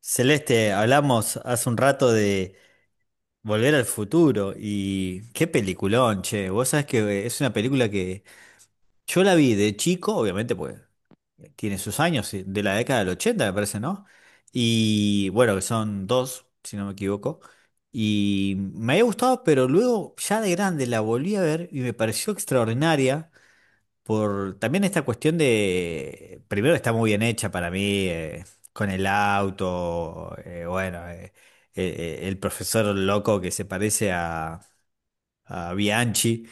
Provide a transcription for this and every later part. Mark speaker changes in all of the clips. Speaker 1: Celeste, hablamos hace un rato de Volver al Futuro y qué peliculón, che. Vos sabés que es una película que yo la vi de chico, obviamente, pues tiene sus años, sí, de la década del 80, me parece, ¿no? Y bueno, que son dos, si no me equivoco. Y me había gustado, pero luego ya de grande la volví a ver y me pareció extraordinaria. Por también esta cuestión de, primero está muy bien hecha para mí, con el auto, bueno, eh, el profesor loco que se parece a Bianchi,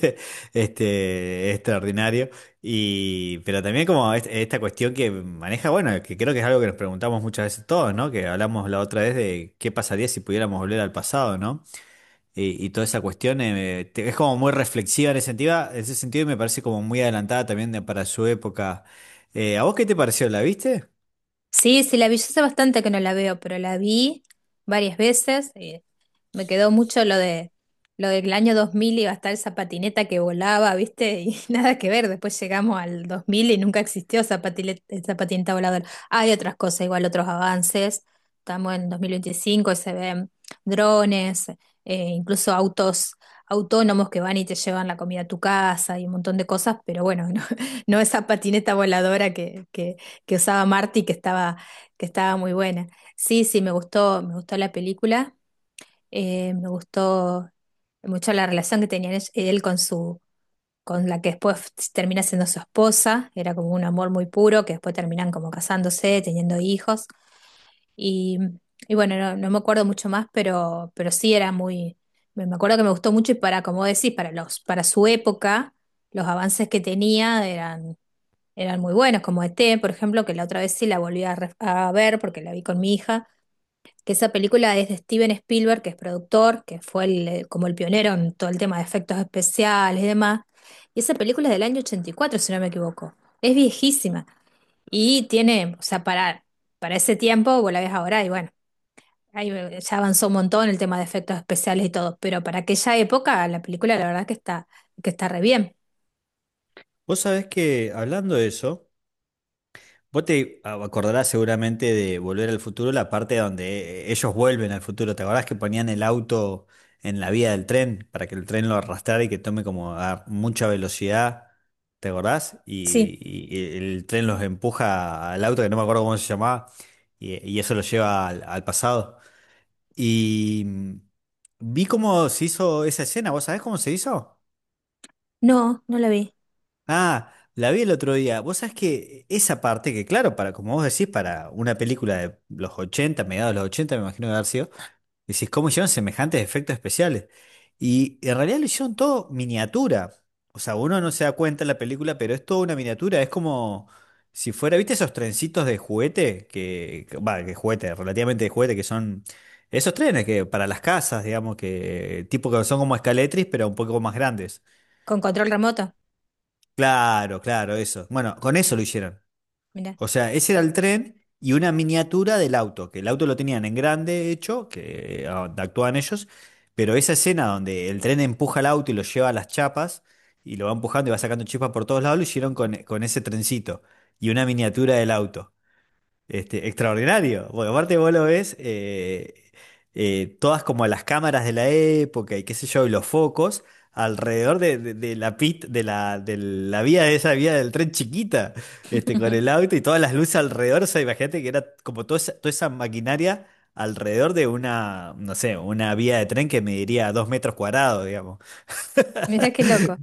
Speaker 1: este, extraordinario, y, pero también como esta cuestión que maneja, bueno, que creo que es algo que nos preguntamos muchas veces todos, ¿no? Que hablamos la otra vez de qué pasaría si pudiéramos volver al pasado, ¿no? Y toda esa cuestión es como muy reflexiva en ese sentido, en ese sentido y me parece como muy adelantada también para su época. ¿A vos qué te pareció? ¿La viste?
Speaker 2: Sí, sí, la vi. Yo hace bastante que no la veo, pero la vi varias veces. Me quedó mucho lo de lo del año 2000. Iba a estar esa patineta que volaba, ¿viste? Y nada que ver. Después llegamos al 2000 y nunca existió esa esa patineta voladora. Hay otras cosas, igual otros avances. Estamos en 2025 y se ven drones, incluso autos autónomos que van y te llevan la comida a tu casa y un montón de cosas, pero bueno, no, no esa patineta voladora que usaba Marty, que estaba muy buena. Sí, sí, me gustó, la película, me gustó mucho la relación que tenía él con con la que después termina siendo su esposa. Era como un amor muy puro, que después terminan como casándose, teniendo hijos, y, y bueno, no, no me acuerdo mucho más, pero sí era muy, me acuerdo que me gustó mucho. Y para, como decís, para para su época, los avances que tenía eran muy buenos, como ET, por ejemplo, que la otra vez sí la volví a ver porque la vi con mi hija, que esa película es de Steven Spielberg, que es productor, que fue como el pionero en todo el tema de efectos especiales y demás. Y esa película es del año 84, si no me equivoco. Es viejísima y tiene, o sea, para ese tiempo, vos la ves ahora y bueno, ahí ya avanzó un montón el tema de efectos especiales y todo, pero para aquella época la película la verdad que que está re bien.
Speaker 1: Vos sabés que hablando de eso. Vos te acordarás seguramente de Volver al Futuro, la parte donde ellos vuelven al futuro. ¿Te acordás que ponían el auto en la vía del tren para que el tren lo arrastrara y que tome como a mucha velocidad? ¿Te acordás?
Speaker 2: Sí,
Speaker 1: Y el tren los empuja al auto, que no me acuerdo cómo se llamaba, y eso los lleva al, al pasado. Y mm, vi cómo se hizo esa escena. ¿Vos sabés cómo se hizo?
Speaker 2: no, no la vi.
Speaker 1: Ah, la vi el otro día. Vos sabés que esa parte, que claro, para como vos decís, para una película de los 80, mediados de los 80, me imagino de haber sido, decís, ¿cómo hicieron semejantes efectos especiales? Y en realidad lo hicieron todo miniatura. O sea, uno no se da cuenta en la película, pero es toda una miniatura. Es como si fuera, ¿viste esos trencitos de juguete? Que, va, que juguete, relativamente de juguete, que son esos trenes que para las casas, digamos, que tipo que son como escaletris, pero un poco más grandes.
Speaker 2: Con control remoto,
Speaker 1: Claro, claro, eso. Bueno, con eso lo hicieron.
Speaker 2: mira.
Speaker 1: O sea, ese era el tren y una miniatura del auto, que el auto lo tenían en grande hecho, que actuaban ellos, pero esa escena donde el tren empuja el auto y lo lleva a las chapas y lo va empujando y va sacando chispas por todos lados, lo hicieron con ese trencito y una miniatura del auto. Este, extraordinario. Porque aparte vos lo ves, todas como las cámaras de la época y qué sé yo, y los focos alrededor de, de la de la, de la vía de esa vía del tren chiquita, este, con el auto y todas las luces alrededor. O sea, imagínate que era como toda esa maquinaria alrededor de una, no sé, una vía de tren que mediría dos metros cuadrados, digamos.
Speaker 2: Mira qué loco.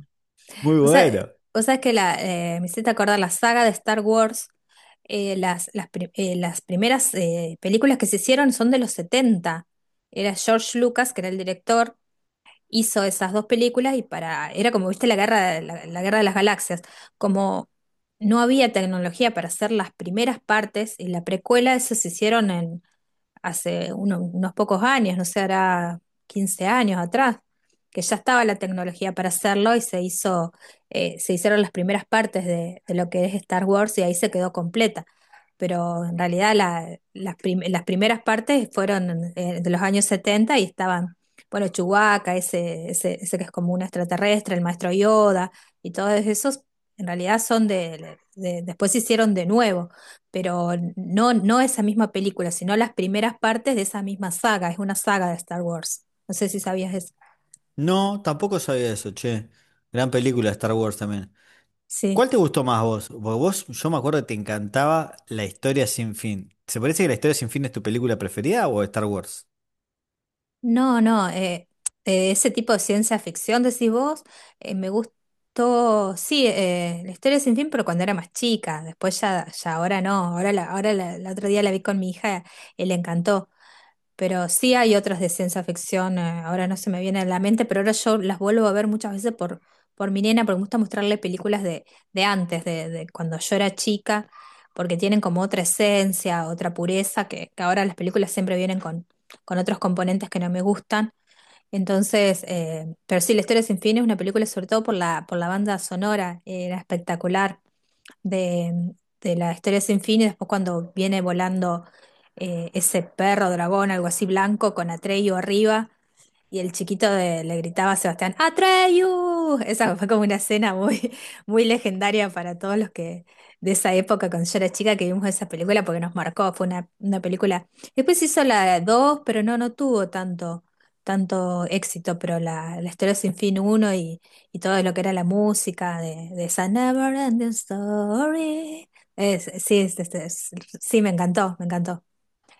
Speaker 1: Muy
Speaker 2: O sea,
Speaker 1: bueno.
Speaker 2: que me hiciste acordar la saga de Star Wars, las primeras películas que se hicieron son de los setenta. Era George Lucas, que era el director, hizo esas dos películas y para, era como, viste, la, la guerra de las galaxias. Como no había tecnología para hacer las primeras partes y la precuela, eso se hicieron hace unos pocos años, no sé, hará 15 años atrás, que ya estaba la tecnología para hacerlo y se hizo, se hicieron las primeras partes de lo que es Star Wars, y ahí se quedó completa. Pero en realidad las primeras partes fueron de los años 70 y estaban, bueno, Chewbacca, ese que es como un extraterrestre, el maestro Yoda y todos esos, en realidad son después se hicieron de nuevo, pero no, no esa misma película, sino las primeras partes de esa misma saga. Es una saga de Star Wars. No sé si sabías eso.
Speaker 1: No, tampoco sabía eso, che. Gran película Star Wars también.
Speaker 2: Sí.
Speaker 1: ¿Cuál te gustó más vos? Porque vos, yo me acuerdo que te encantaba La Historia Sin Fin. ¿Se parece que La Historia Sin Fin es tu película preferida o Star Wars?
Speaker 2: No, no. Ese tipo de ciencia ficción, decís vos, me gustó. Sí, la historia sin fin, pero cuando era más chica. Después ya, ya ahora no. Ahora, ahora la otro día la vi con mi hija y le encantó. Pero sí hay otras de ciencia ficción, ahora no se me viene a la mente, pero ahora yo las vuelvo a ver muchas veces por mi nena, porque me gusta mostrarle películas de antes, de cuando yo era chica, porque tienen como otra esencia, otra pureza, que ahora las películas siempre vienen con otros componentes que no me gustan. Entonces, pero sí, La Historia Sin Fin es una película sobre todo por por la banda sonora. Era espectacular de, de La Historia Sin Fin. Y después cuando viene volando ese perro dragón, algo así blanco, con Atreyu arriba, y el chiquito le gritaba a Sebastián, ¡Atreyu! Esa fue como una escena muy, muy legendaria para todos los que de esa época, cuando yo era chica, que vimos esa película, porque nos marcó, fue una película. Después hizo la dos, pero no, no tuvo tanto, tanto éxito, pero La Historia Sin Fin uno, y todo lo que era la música de esa Never Ending Story. Es- sí, es- es- es- sí, me encantó, me encantó.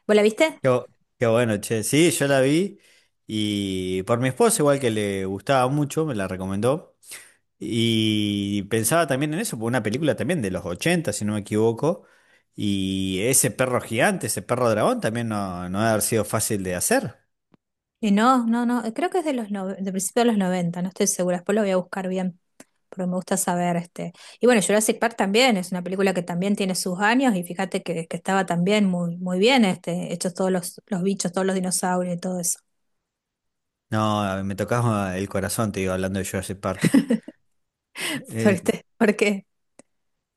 Speaker 2: ¿Vos la viste?
Speaker 1: Qué, qué bueno, che. Sí, yo la vi y por mi esposa, igual que le gustaba mucho, me la recomendó. Y pensaba también en eso, por una película también de los 80 si no me equivoco. Y ese perro gigante, ese perro dragón, también no, no debe haber sido fácil de hacer.
Speaker 2: Y no, no, no, creo que es de de principios de los noventa, no estoy segura, después lo voy a buscar bien, porque me gusta saber este. Y bueno, Jurassic Park también es una película que también tiene sus años, y fíjate que estaba también muy, muy bien este, hechos todos los bichos, todos los dinosaurios y todo eso.
Speaker 1: No, me tocaba el corazón, te digo, hablando de Jurassic Park. Eh,
Speaker 2: Fuerte, porque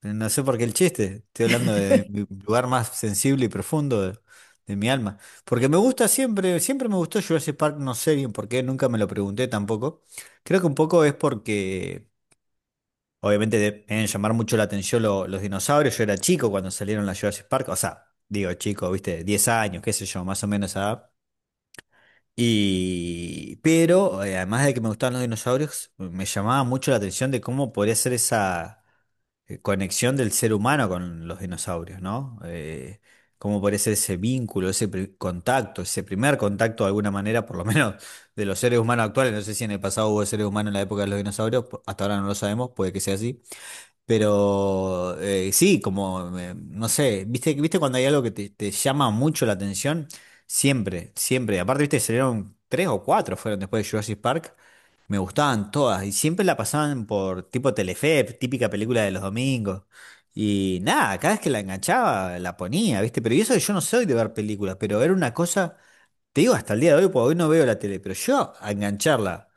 Speaker 1: No sé por qué el chiste. Estoy hablando de mi lugar más sensible y profundo de mi alma. Porque me gusta siempre, siempre me gustó Jurassic Park, no sé bien por qué, nunca me lo pregunté tampoco. Creo que un poco es porque, obviamente, deben llamar mucho la atención los dinosaurios. Yo era chico cuando salieron las Jurassic Park. O sea, digo chico, viste, 10 años, qué sé yo, más o menos esa edad. Y, pero, además de que me gustaban los dinosaurios, me llamaba mucho la atención de cómo podría ser esa conexión del ser humano con los dinosaurios, ¿no? Cómo parece ese vínculo, contacto, ese primer contacto de alguna manera, por lo menos de los seres humanos actuales. No sé si en el pasado hubo seres humanos en la época de los dinosaurios, hasta ahora no lo sabemos, puede que sea así. Pero sí, como, no sé, ¿viste cuando hay algo que te llama mucho la atención? Siempre, siempre. Aparte, viste, salieron tres o cuatro, fueron después de Jurassic Park. Me gustaban todas y siempre la pasaban por tipo Telefe, típica película de los domingos. Y nada, cada vez que la enganchaba, la ponía, ¿viste? Pero y eso que yo no soy de ver películas, pero era una cosa, te digo, hasta el día de hoy, porque hoy no veo la tele, pero yo a engancharla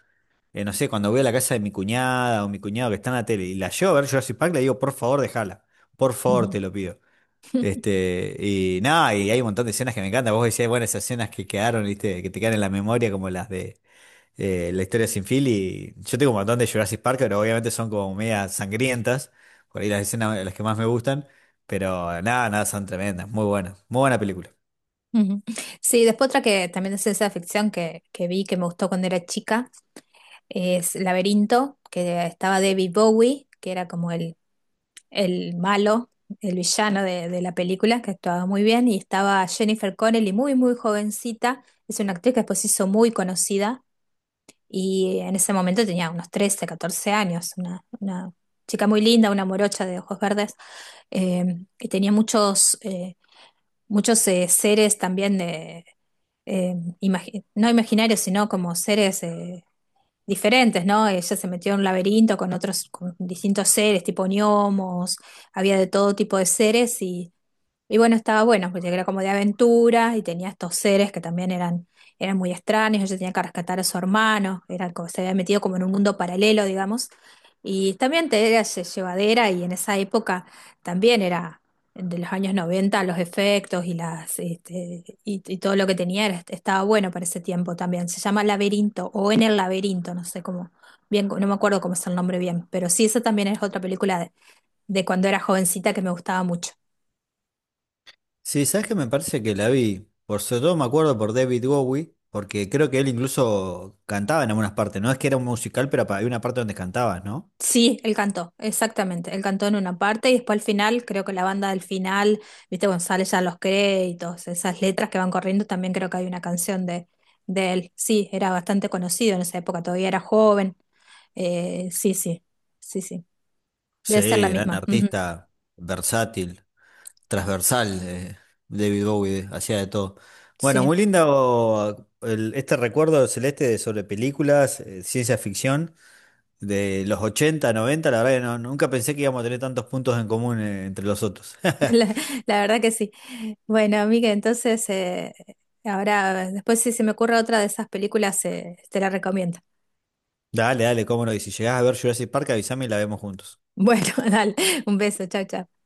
Speaker 1: no sé, cuando voy a la casa de mi cuñada o mi cuñado que está en la tele y la llevo a ver Jurassic Park, le digo, por favor, déjala. Por favor,
Speaker 2: ujú.
Speaker 1: te lo pido. Este, y nada, y hay un montón de escenas que me encantan. Vos decías, bueno, esas escenas que quedaron, ¿viste? Que te quedan en la memoria, como las de La historia sin fin. Y yo tengo un montón de Jurassic Park, pero obviamente son como media sangrientas. Por ahí las escenas las que más me gustan. Pero nada, nada, son tremendas. Muy buenas. Muy buena película.
Speaker 2: Ujú. Sí, después otra que también es ciencia ficción que vi, que me gustó cuando era chica, es Laberinto, que estaba David Bowie, que era como el malo, el villano de la película, que actuaba muy bien. Y estaba Jennifer Connelly, muy, muy jovencita, es una actriz que después se hizo muy conocida, y en ese momento tenía unos 13, 14 años, una chica muy linda, una morocha de ojos verdes, eh, y tenía muchos seres también de... eh, no imaginarios, sino como seres diferentes, ¿no? Ella se metió en un laberinto con otros, con distintos seres, tipo gnomos, había de todo tipo de seres. Y bueno, estaba bueno, porque era como de aventuras y tenía estos seres que también eran muy extraños. Ella tenía que rescatar a su hermano, era como, se había metido como en un mundo paralelo, digamos. Y también te era llevadera, y en esa época también era de los años noventa. Los efectos y las este, y todo lo que tenía estaba bueno para ese tiempo también. Se llama Laberinto o En el Laberinto, no sé cómo, bien, no me acuerdo cómo es el nombre bien, pero sí, esa también es otra película de cuando era jovencita que me gustaba mucho.
Speaker 1: Sí, sabes que me parece que la vi, por sobre todo me acuerdo por David Bowie, porque creo que él incluso cantaba en algunas partes, no es que era un musical, pero había una parte donde cantaba, ¿no?
Speaker 2: Sí, él cantó, exactamente. Él cantó en una parte y después al final, creo que la banda del final, viste, González ya los créditos, esas letras que van corriendo, también creo que hay una canción de él. Sí, era bastante conocido en esa época, todavía era joven. Sí, sí, sí, sí. Debe ser la
Speaker 1: Sí, gran
Speaker 2: misma. Ujú.
Speaker 1: artista, versátil, transversal, David Bowie, hacía de todo. Bueno,
Speaker 2: Sí,
Speaker 1: muy lindo este recuerdo celeste sobre películas, ciencia ficción, de los 80, 90. La verdad que nunca pensé que íbamos a tener tantos puntos en común, entre los otros.
Speaker 2: la, la verdad que sí. Bueno, amiga, entonces, ahora, después si se me ocurre otra de esas películas, te la recomiendo.
Speaker 1: Dale, dale, cómo no, y si llegás a ver Jurassic Park, avísame y la vemos juntos.
Speaker 2: Bueno, dale, un beso, chao, chao.